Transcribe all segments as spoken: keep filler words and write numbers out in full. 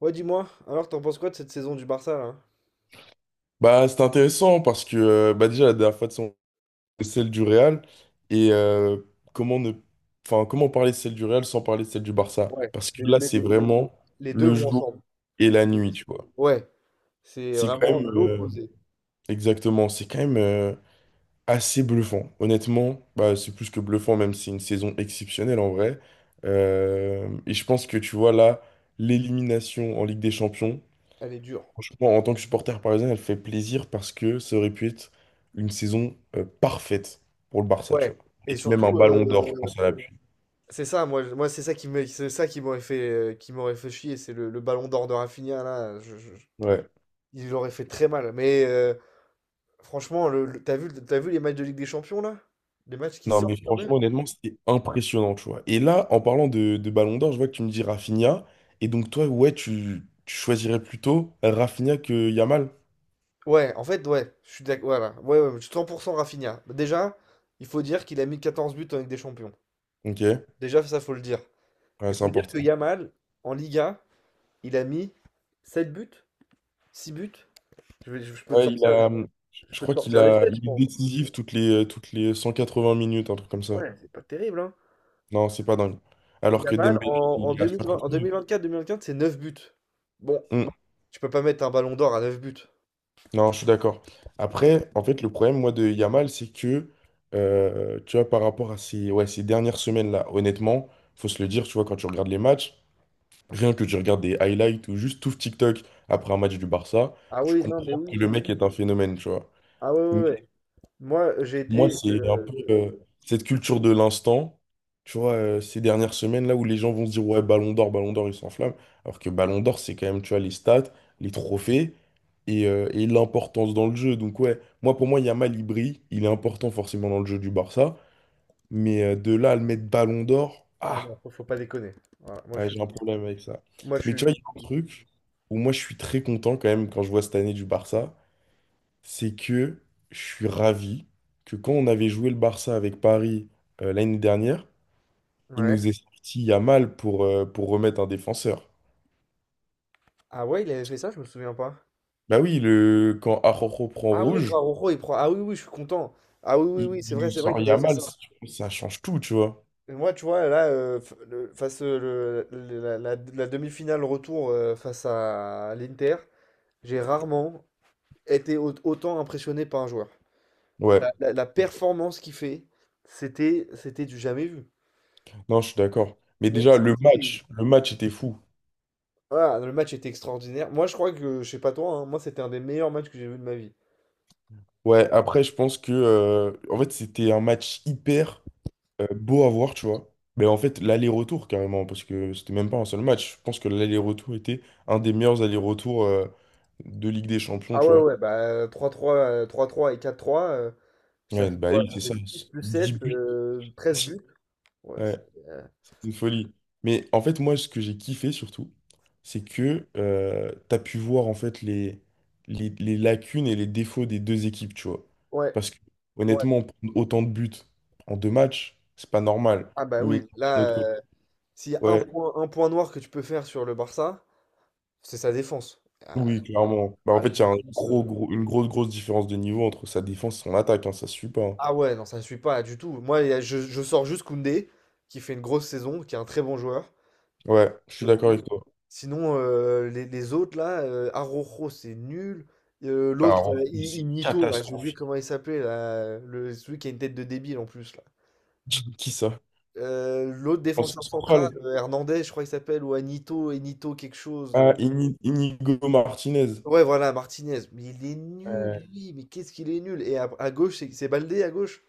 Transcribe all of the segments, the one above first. Ouais, dis-moi, alors t'en penses quoi de cette saison du Barça là? Bah, c'est intéressant parce que euh, bah, déjà la dernière fois, c'est celle du Real et euh, comment ne enfin comment parler de celle du Real sans parler de celle du Barça Ouais, parce que les, là les- c'est les- vraiment les deux le vont jour ensemble. et la C'est nuit, des- tu vois. Ouais, c'est C'est quand vraiment même euh, l'opposé. exactement, c'est quand même euh, assez bluffant. Honnêtement, bah, c'est plus que bluffant même si c'est une saison exceptionnelle en vrai. Euh, et je pense que tu vois là l'élimination en Ligue des Champions. Elle est dure. Franchement, en tant que supporter parisien, elle fait plaisir parce que ça aurait pu être une saison euh, parfaite pour le Barça, tu Ouais. vois. Et Et que même surtout, un ballon d'or, je euh, pense, à l'appui. c'est ça, moi, je- moi c'est ça qui me, c'est ça qui m'aurait fait, euh, qui m'aurait fait chier, c'est le, le ballon d'or de Rafinha là. je- je- je- Ouais. Il aurait fait très mal. Mais euh, franchement, le, le- t'as vu, t'as vu les matchs de Ligue des Champions là? Les matchs qui Non, sortent mais quand même? franchement, honnêtement, c'était impressionnant, tu vois. Et là, en parlant de, de ballon d'or, je vois que tu me dis Rafinha. Et donc, toi, ouais, tu, tu choisirais plutôt Rafinha que Yamal. Ouais, en fait, ouais, je suis d'accord. Voilà, ouais, ouais, je suis cent pour cent Rafinha. Bah, déjà, il faut dire qu'il a mis quatorze buts en Ligue des Champions. Ok, ouais, Déjà, ça, faut le dire. Il c'est faut dire que important. Yamal, en Liga, il a mis sept buts, six buts. Je, vais- je- peux te Ouais, il sortir, a, Je je peux te crois qu'il sortir les a, sept, je il est pense. décisif toutes les, toutes les cent quatre-vingts minutes, un truc comme ça. Ouais, c'est pas terrible, hein. Non, c'est pas dingue. Alors que Yamal, Dembélé, en, en il est à deux mille vingt, cinquante minutes. en vingt deux mille vingt-cinq, c'est neuf buts. Bon, tu peux pas mettre un ballon d'or à neuf buts. Non, je suis d'accord. Après, en fait, le problème, moi, de Yamal, c'est que, euh, tu vois, par rapport à ces, ouais, ces dernières semaines-là, honnêtement, faut se le dire, tu vois, quand tu regardes les matchs, rien que tu regardes des highlights ou juste tout TikTok après un match du Barça, Ah tu oui, non, mais comprends que le oui. mec est un phénomène, tu vois. Ah ouais, ouais, ouais. Moi, euh, j'ai Moi, été. c'est un peu euh, euh, cette culture de l'instant, tu vois, euh, ces dernières semaines, là où les gens vont se dire, ouais, Ballon d'Or, Ballon d'Or, ils s'enflamment, alors que Ballon d'Or, c'est quand même, tu vois, les stats, les trophées et, euh, et l'importance dans le jeu. Donc, ouais, moi, pour moi, Yamal, il brille, il est important forcément dans le jeu du Barça, mais euh, de là à le mettre Ballon d'Or, Ah ah, non, faut faut pas déconner. Voilà, moi, ouais, je suis. j'ai un problème avec ça. Moi, je Mais tu suis. vois, il y a un truc où moi, je suis très content quand même quand je vois cette année du Barça, c'est que je suis ravi que quand on avait joué le Barça avec Paris euh, l'année dernière, il Ouais. nous est sorti Yamal pour, euh, pour remettre un défenseur. Ah ouais, il avait fait ça, je me souviens pas. Bah oui, le, quand Araujo prend Ah oui, quand rouge, Araujo, il prend. Ah oui, oui, je suis content. Ah oui, oui, il, oui, c'est il vrai, nous c'est vrai sort qu'il avait fait Yamal, ça. ça, ça change tout, tu vois. Et moi, tu vois, là, euh, f- le- face euh, le- le- la, la- la demi-finale retour euh, face à l'Inter, j'ai rarement été au- autant impressionné par un joueur. La, Ouais, la- la performance qu'il fait, c'était, c'était du jamais vu. non, je suis d'accord. Mais Mais déjà, le c'était- match, le match était fou. voilà, le match était extraordinaire. Moi, je crois que, je sais pas toi, hein, moi, c'était un des meilleurs matchs que j'ai vu de ma vie. Ouais, après, je pense que, euh, en fait, c'était un match hyper euh, beau à voir, tu vois. Mais en fait, l'aller-retour, carrément, parce que c'était même pas un seul match. Je pense que l'aller-retour était un des meilleurs allers-retours euh, de Ligue des Champions, Ah tu ouais, vois. ouais, bah euh, trois trois euh, trois trois et quatre trois euh, ça Ouais, fait bah quoi? oui, Ça c'est fait ça. six plus Dix sept, buts. euh, treize buts. Ouais, Ouais. c'est- euh, Une folie. Mais en fait, moi, ce que j'ai kiffé surtout, c'est que euh, t'as pu voir en fait les, les, les lacunes et les défauts des deux équipes, tu vois. ouais, Parce que ouais. honnêtement, prendre autant de buts en deux matchs, c'est pas normal. Ah bah Mais oui, d'un autre là. côté, S'il y a un ouais, point, un point noir que tu peux faire sur le Barça, c'est sa défense. Ah, oui, clairement. Bah, en ah, la fait, il y a un défense, gros, euh, gros, une grosse, grosse différence de niveau entre sa défense et son attaque, hein, ça se suit pas, hein. ah ouais, non, ça ne suit pas du tout. Moi, il y a- je, je sors juste Koundé, qui fait une grosse saison, qui est un très bon joueur, Ouais, je suis je d'accord trouve. avec toi. Sinon, euh, les, les autres, là, euh, Araujo, c'est nul. Euh, l'autre, euh, Alors, mais I- c'est Ignito, là, j'ai oublié catastrophique. comment il s'appelait, là, le, celui qui a une tête de débile en plus, là. Qui ça? Euh, l'autre En défenseur central, central. euh, Hernandez, je crois qu'il s'appelle, ou Anito, Enito, quelque chose. euh, Ah, Ini- Inigo Martinez. Ouais, voilà, Martinez. Mais il est nul, Euh, lui. Mais qu'est-ce qu'il est nul. Et à, à gauche, c'est c'est Baldé à gauche.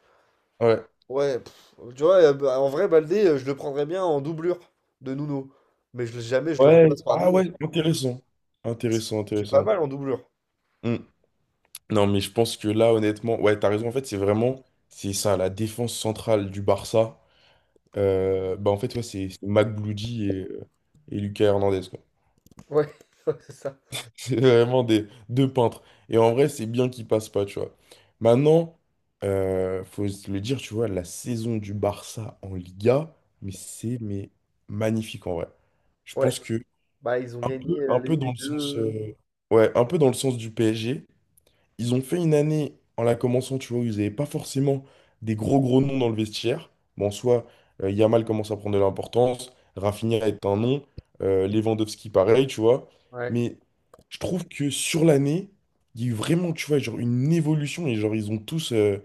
Ouais. Ouais, pff, tu vois, euh, bah, en vrai, Baldé, euh, je le prendrais bien en doublure de Nuno. Mais je, jamais je le Ouais. remplace par Ah Nuno. ouais, Intéressant, C'est Intéressant, c'est pas intéressant. mal en doublure. Hmm. Non, mais je pense que là, honnêtement, ouais, t'as raison. En fait, c'est vraiment, c'est ça, la défense centrale du Barça. Euh, bah, en fait, ouais, c'est c'est Mac Bloody et, euh, et Lucas Hernandez, quoi. Ouais, ouais, c'est ça. C'est vraiment des deux peintres. Et en vrai, c'est bien qu'ils passent pas, tu vois. Maintenant, euh, faut se le dire, tu vois, la saison du Barça en Liga, mais c'est mais magnifique en vrai. Je Ouais. pense que Bah, ils ont gagné un euh, les, peu les dans le deux. sens, euh, euh, ouais, un peu dans le sens du P S G. Ils ont fait une année en la commençant, tu vois, où ils n'avaient pas forcément des gros gros noms dans le vestiaire. Bon, soit euh, Yamal commence à prendre de l'importance, Rafinha est un nom, euh, Lewandowski pareil, tu vois. Ouais. Mais je trouve que sur l'année, il y a eu vraiment, tu vois, genre une évolution et genre ils ont tous euh,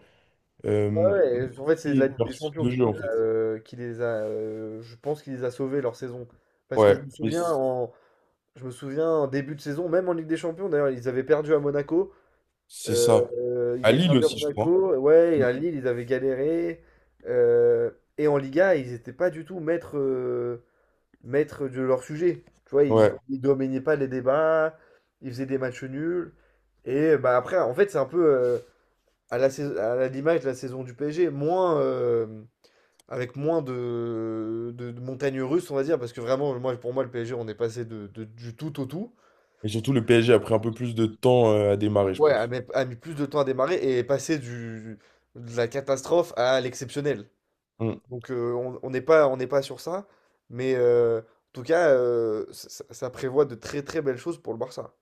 euh, Ouais, ouais, en fait, c'est de la marqué Ligue leur des style Champions de qui les jeu en a, fait. euh, qui les a euh, je pense qu'il les a sauvés leur saison. Parce que je Ouais, me mais souviens c- en, je me souviens en début de saison, même en Ligue des Champions, d'ailleurs, ils avaient perdu à Monaco. c'est ça. Euh, ils À avaient Lille perdu à aussi, je crois. Monaco, ouais, et Mm. à Lille, ils avaient galéré. Euh, et en Liga, ils n'étaient pas du tout maîtres, euh, maîtres de leur sujet. Tu vois, ils, Ouais. ils dominaient pas les débats, ils faisaient des matchs nuls. Et bah après, en fait, c'est un peu euh, à la saison- à la- l'image de la saison du P S G, moins, euh, avec moins de, de, de montagnes russes, on va dire, parce que vraiment, moi, pour moi, le P S G, on est passé de, de- du tout au tout. Et surtout, le P S G a pris un peu plus de temps euh, à démarrer, je Ouais, a pense. mis, a mis plus de temps à démarrer et est passé du, de la catastrophe à l'exceptionnel. Mm. Donc euh, on on n'est pas, on n'est pas sur ça, mais euh, en tout cas, euh, ça, ça- ça prévoit de très très belles choses pour le Barça.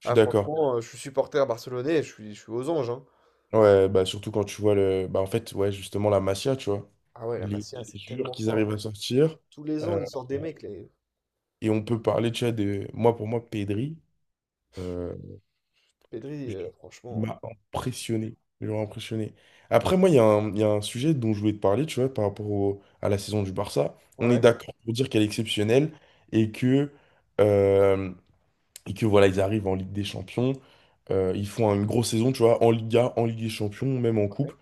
Je suis Ah d'accord. franchement, euh, je suis supporter barcelonais, et je suis, je suis aux anges, hein. Ouais, bah surtout quand tu vois le. Bah en fait, ouais, justement, la Masia, tu vois. Ah ouais, la Les, Masia, les c'est joueurs tellement qu'ils arrivent fort. à sortir. Tous les ans, euh, ils sortent des mecs, les et on peut parler, tu vois, de. Moi, pour moi, Pedri, euh, Pedri, je- euh, il franchement. m'a qu'est-ce que- impressionné. Genre impressionné. Après, moi, il y a un, il y a un sujet dont je voulais te parler, tu vois, par rapport au- à la saison du Barça. On est Ouais, d'accord pour dire qu'elle est exceptionnelle et que. euh, et que voilà, ils arrivent en Ligue des Champions, euh, ils font une grosse saison, tu vois, en Liga, en Ligue des Champions, même en Coupe.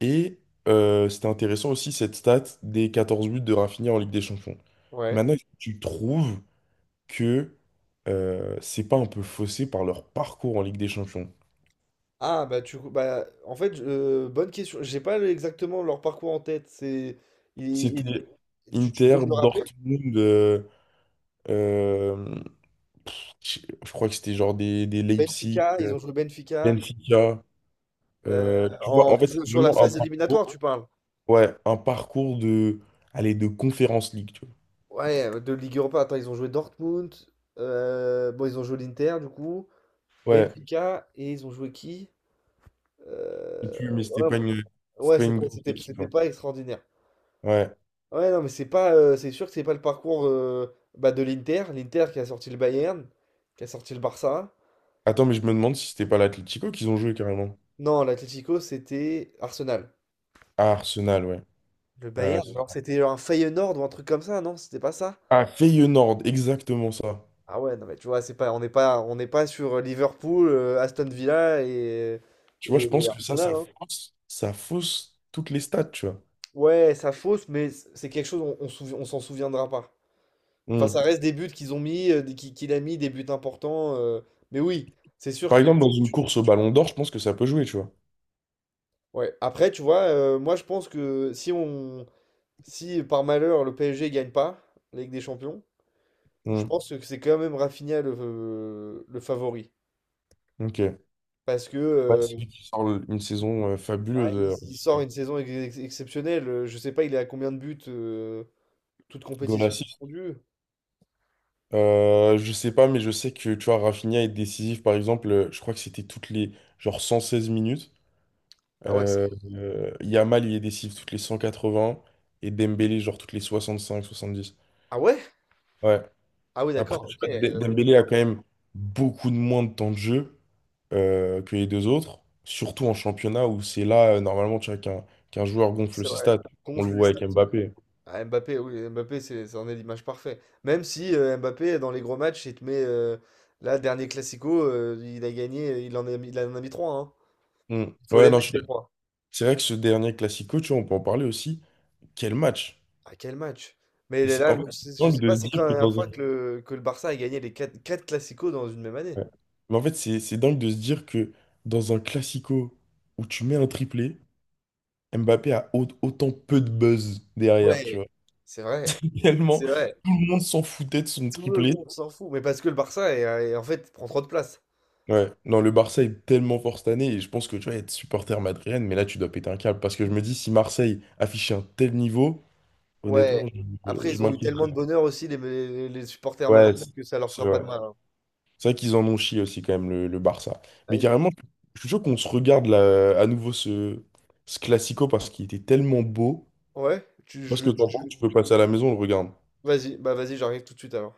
Et euh, c'était intéressant aussi cette stat des quatorze buts de Rafinha en Ligue des Champions. ouais. Maintenant, est-ce que tu trouves que euh, c'est pas un peu faussé par leur parcours en Ligue des Champions? Ah bah tu bah en fait, euh, bonne question. J'ai pas le- exactement leur parcours en tête. C'est il- il- C'était tu, tu peux Inter, me le rappeler? Dortmund, euh, euh, pff, je je crois que c'était genre des, des Leipzig, Benfica, ils euh, ont joué Benfica, Benfica. Euh, euh, tu vois, en en fait, sur c'est sur la vraiment un phase parcours. éliminatoire, tu parles. Ouais, un parcours de, allez, de Conférence League, tu Ouais, de Ligue Europa. Attends, ils ont joué Dortmund. Euh, bon, ils ont joué l'Inter du coup. vois. Ouais, Benfica et ils ont joué qui? Euh, je sais plus, mais c'était ouais, pas bon, une, c'était ouais, pas c'est une pas- grosse c'était équipe, c'était hein. pas extraordinaire. Ouais. Ouais, non, mais c'est pas euh, c'est sûr que c'est pas le parcours, euh, bah, de l'Inter, l'Inter qui a sorti le Bayern, qui a sorti le Barça. Attends, mais je me demande si c'était pas l'Atlético qu'ils ont joué carrément. Non, l'Atlético, c'était Arsenal. Ah, Arsenal, ouais. Le Ouais, ouais, Bayern, ok, c'est alors ça. c'était un Feyenoord ou un truc comme ça, non? C'était pas ça? Ah, Feyenoord, exactement ça. Ah ouais, non mais tu vois, c'est pas, on n'est pas, on n'est pas sur Liverpool, euh, Aston Villa et, Tu vois, je et pense que ça, ça Arsenal, hein. fausse, ça fausse toutes les stats, tu vois. Ouais, ça fausse, mais c- c'est quelque chose, on, on souvi- on s'en souviendra pas. Enfin, Hmm. ça, ouais, reste des buts qu'ils ont mis, euh, des- qui- qu'il a mis, des buts importants. euh, mais oui, c'est sûr Par que quand exemple, dans tu- une tu- course au Ballon d'Or, je pense que ça peut jouer, tu vois. ouais. Après, tu vois, euh, moi je pense que si on, si par malheur le P S G gagne pas la Ligue des Champions, je Hmm. pense que c'est quand même Rafinha le, euh, le favori. Ok. Ouais, Parce que euh, c'est lui qui sort le- une saison euh, bah, fabuleuse, il, euh, en il tout cas. sort une saison ex- ex- exceptionnelle. Euh, Je sais pas, il est à combien de buts, euh, toute compétition Golas. confondue. Euh, je sais pas, mais je sais que tu vois, Rafinha est décisif. Par exemple, euh, je crois que c'était toutes les genre cent seize minutes. Ah ouais, c'est- Euh, euh, Yamal, il est décisif toutes les cent quatre-vingts, et Dembélé, genre toutes les soixante-cinq, soixante-dix. Ah ouais? Ouais. Ah oui, Après, je d'accord, sais ok. pas, D- euh, Dembélé a quand même beaucoup de moins de temps de jeu euh, que les deux autres, surtout en championnat où c'est là, euh, normalement, tu vois, qu'un qu'un joueur gonfle C'est ses vrai. stats. On le Gonfle les voit stats. avec Ouais. Mbappé. Ah, Mbappé, oui, Mbappé, c'est, c'en est l'image parfaite. Même si euh, Mbappé, dans les gros matchs, il te met. Euh, là, dernier Classico, euh, il a gagné, il en a mis, il en a mis trois. Hmm. Il faut Ouais, les non, je mettre, suis les d'accord. trois. C'est vrai que ce dernier Classico, tu vois, on peut en parler aussi. Quel match! À quel match? Mais Et c'est, là, en fait, moi, je c'est sais je dingue sais de pas, se c'est quand dire la que dans dernière un... fois que le, que le Barça a gagné les quatre, quatre Clasico dans une même année. ouais. Mais en fait, c'est c'est dingue de se dire que dans un classico où tu mets un triplé, Mbappé a au- autant peu de buzz derrière, tu Ouais, vois. c'est vrai, Tellement, c'est vrai. tout le monde s'en foutait de son Tout le triplé. monde s'en fout. Mais parce que le Barça, est- est- en fait, prend trop de place. Ouais, non, le Barça est tellement fort cette année et je pense que tu vas être supporter madrilène, mais là, tu dois péter un câble parce que je me dis, si Marseille affichait un tel niveau, Ouais. honnêtement, je, je, Après, je ils ont eu m'inquiéterais. tellement de bonheur aussi, les, les, les supporters Ouais, Madrid, c'est que ça leur c'est fera pas de vrai. mal, hein. C'est vrai qu'ils en ont chié aussi quand même le, le Barça. Ah, Mais ils ont... carrément, je suis chaud qu'on se regarde là, à nouveau ce, ce classico parce qu'il était tellement beau. Ouais. tu, Parce je- que tu- t'en penses, tu- tu peux passer à la maison, on le regarde. Vas-y, bah vas-y, j'arrive tout de suite alors.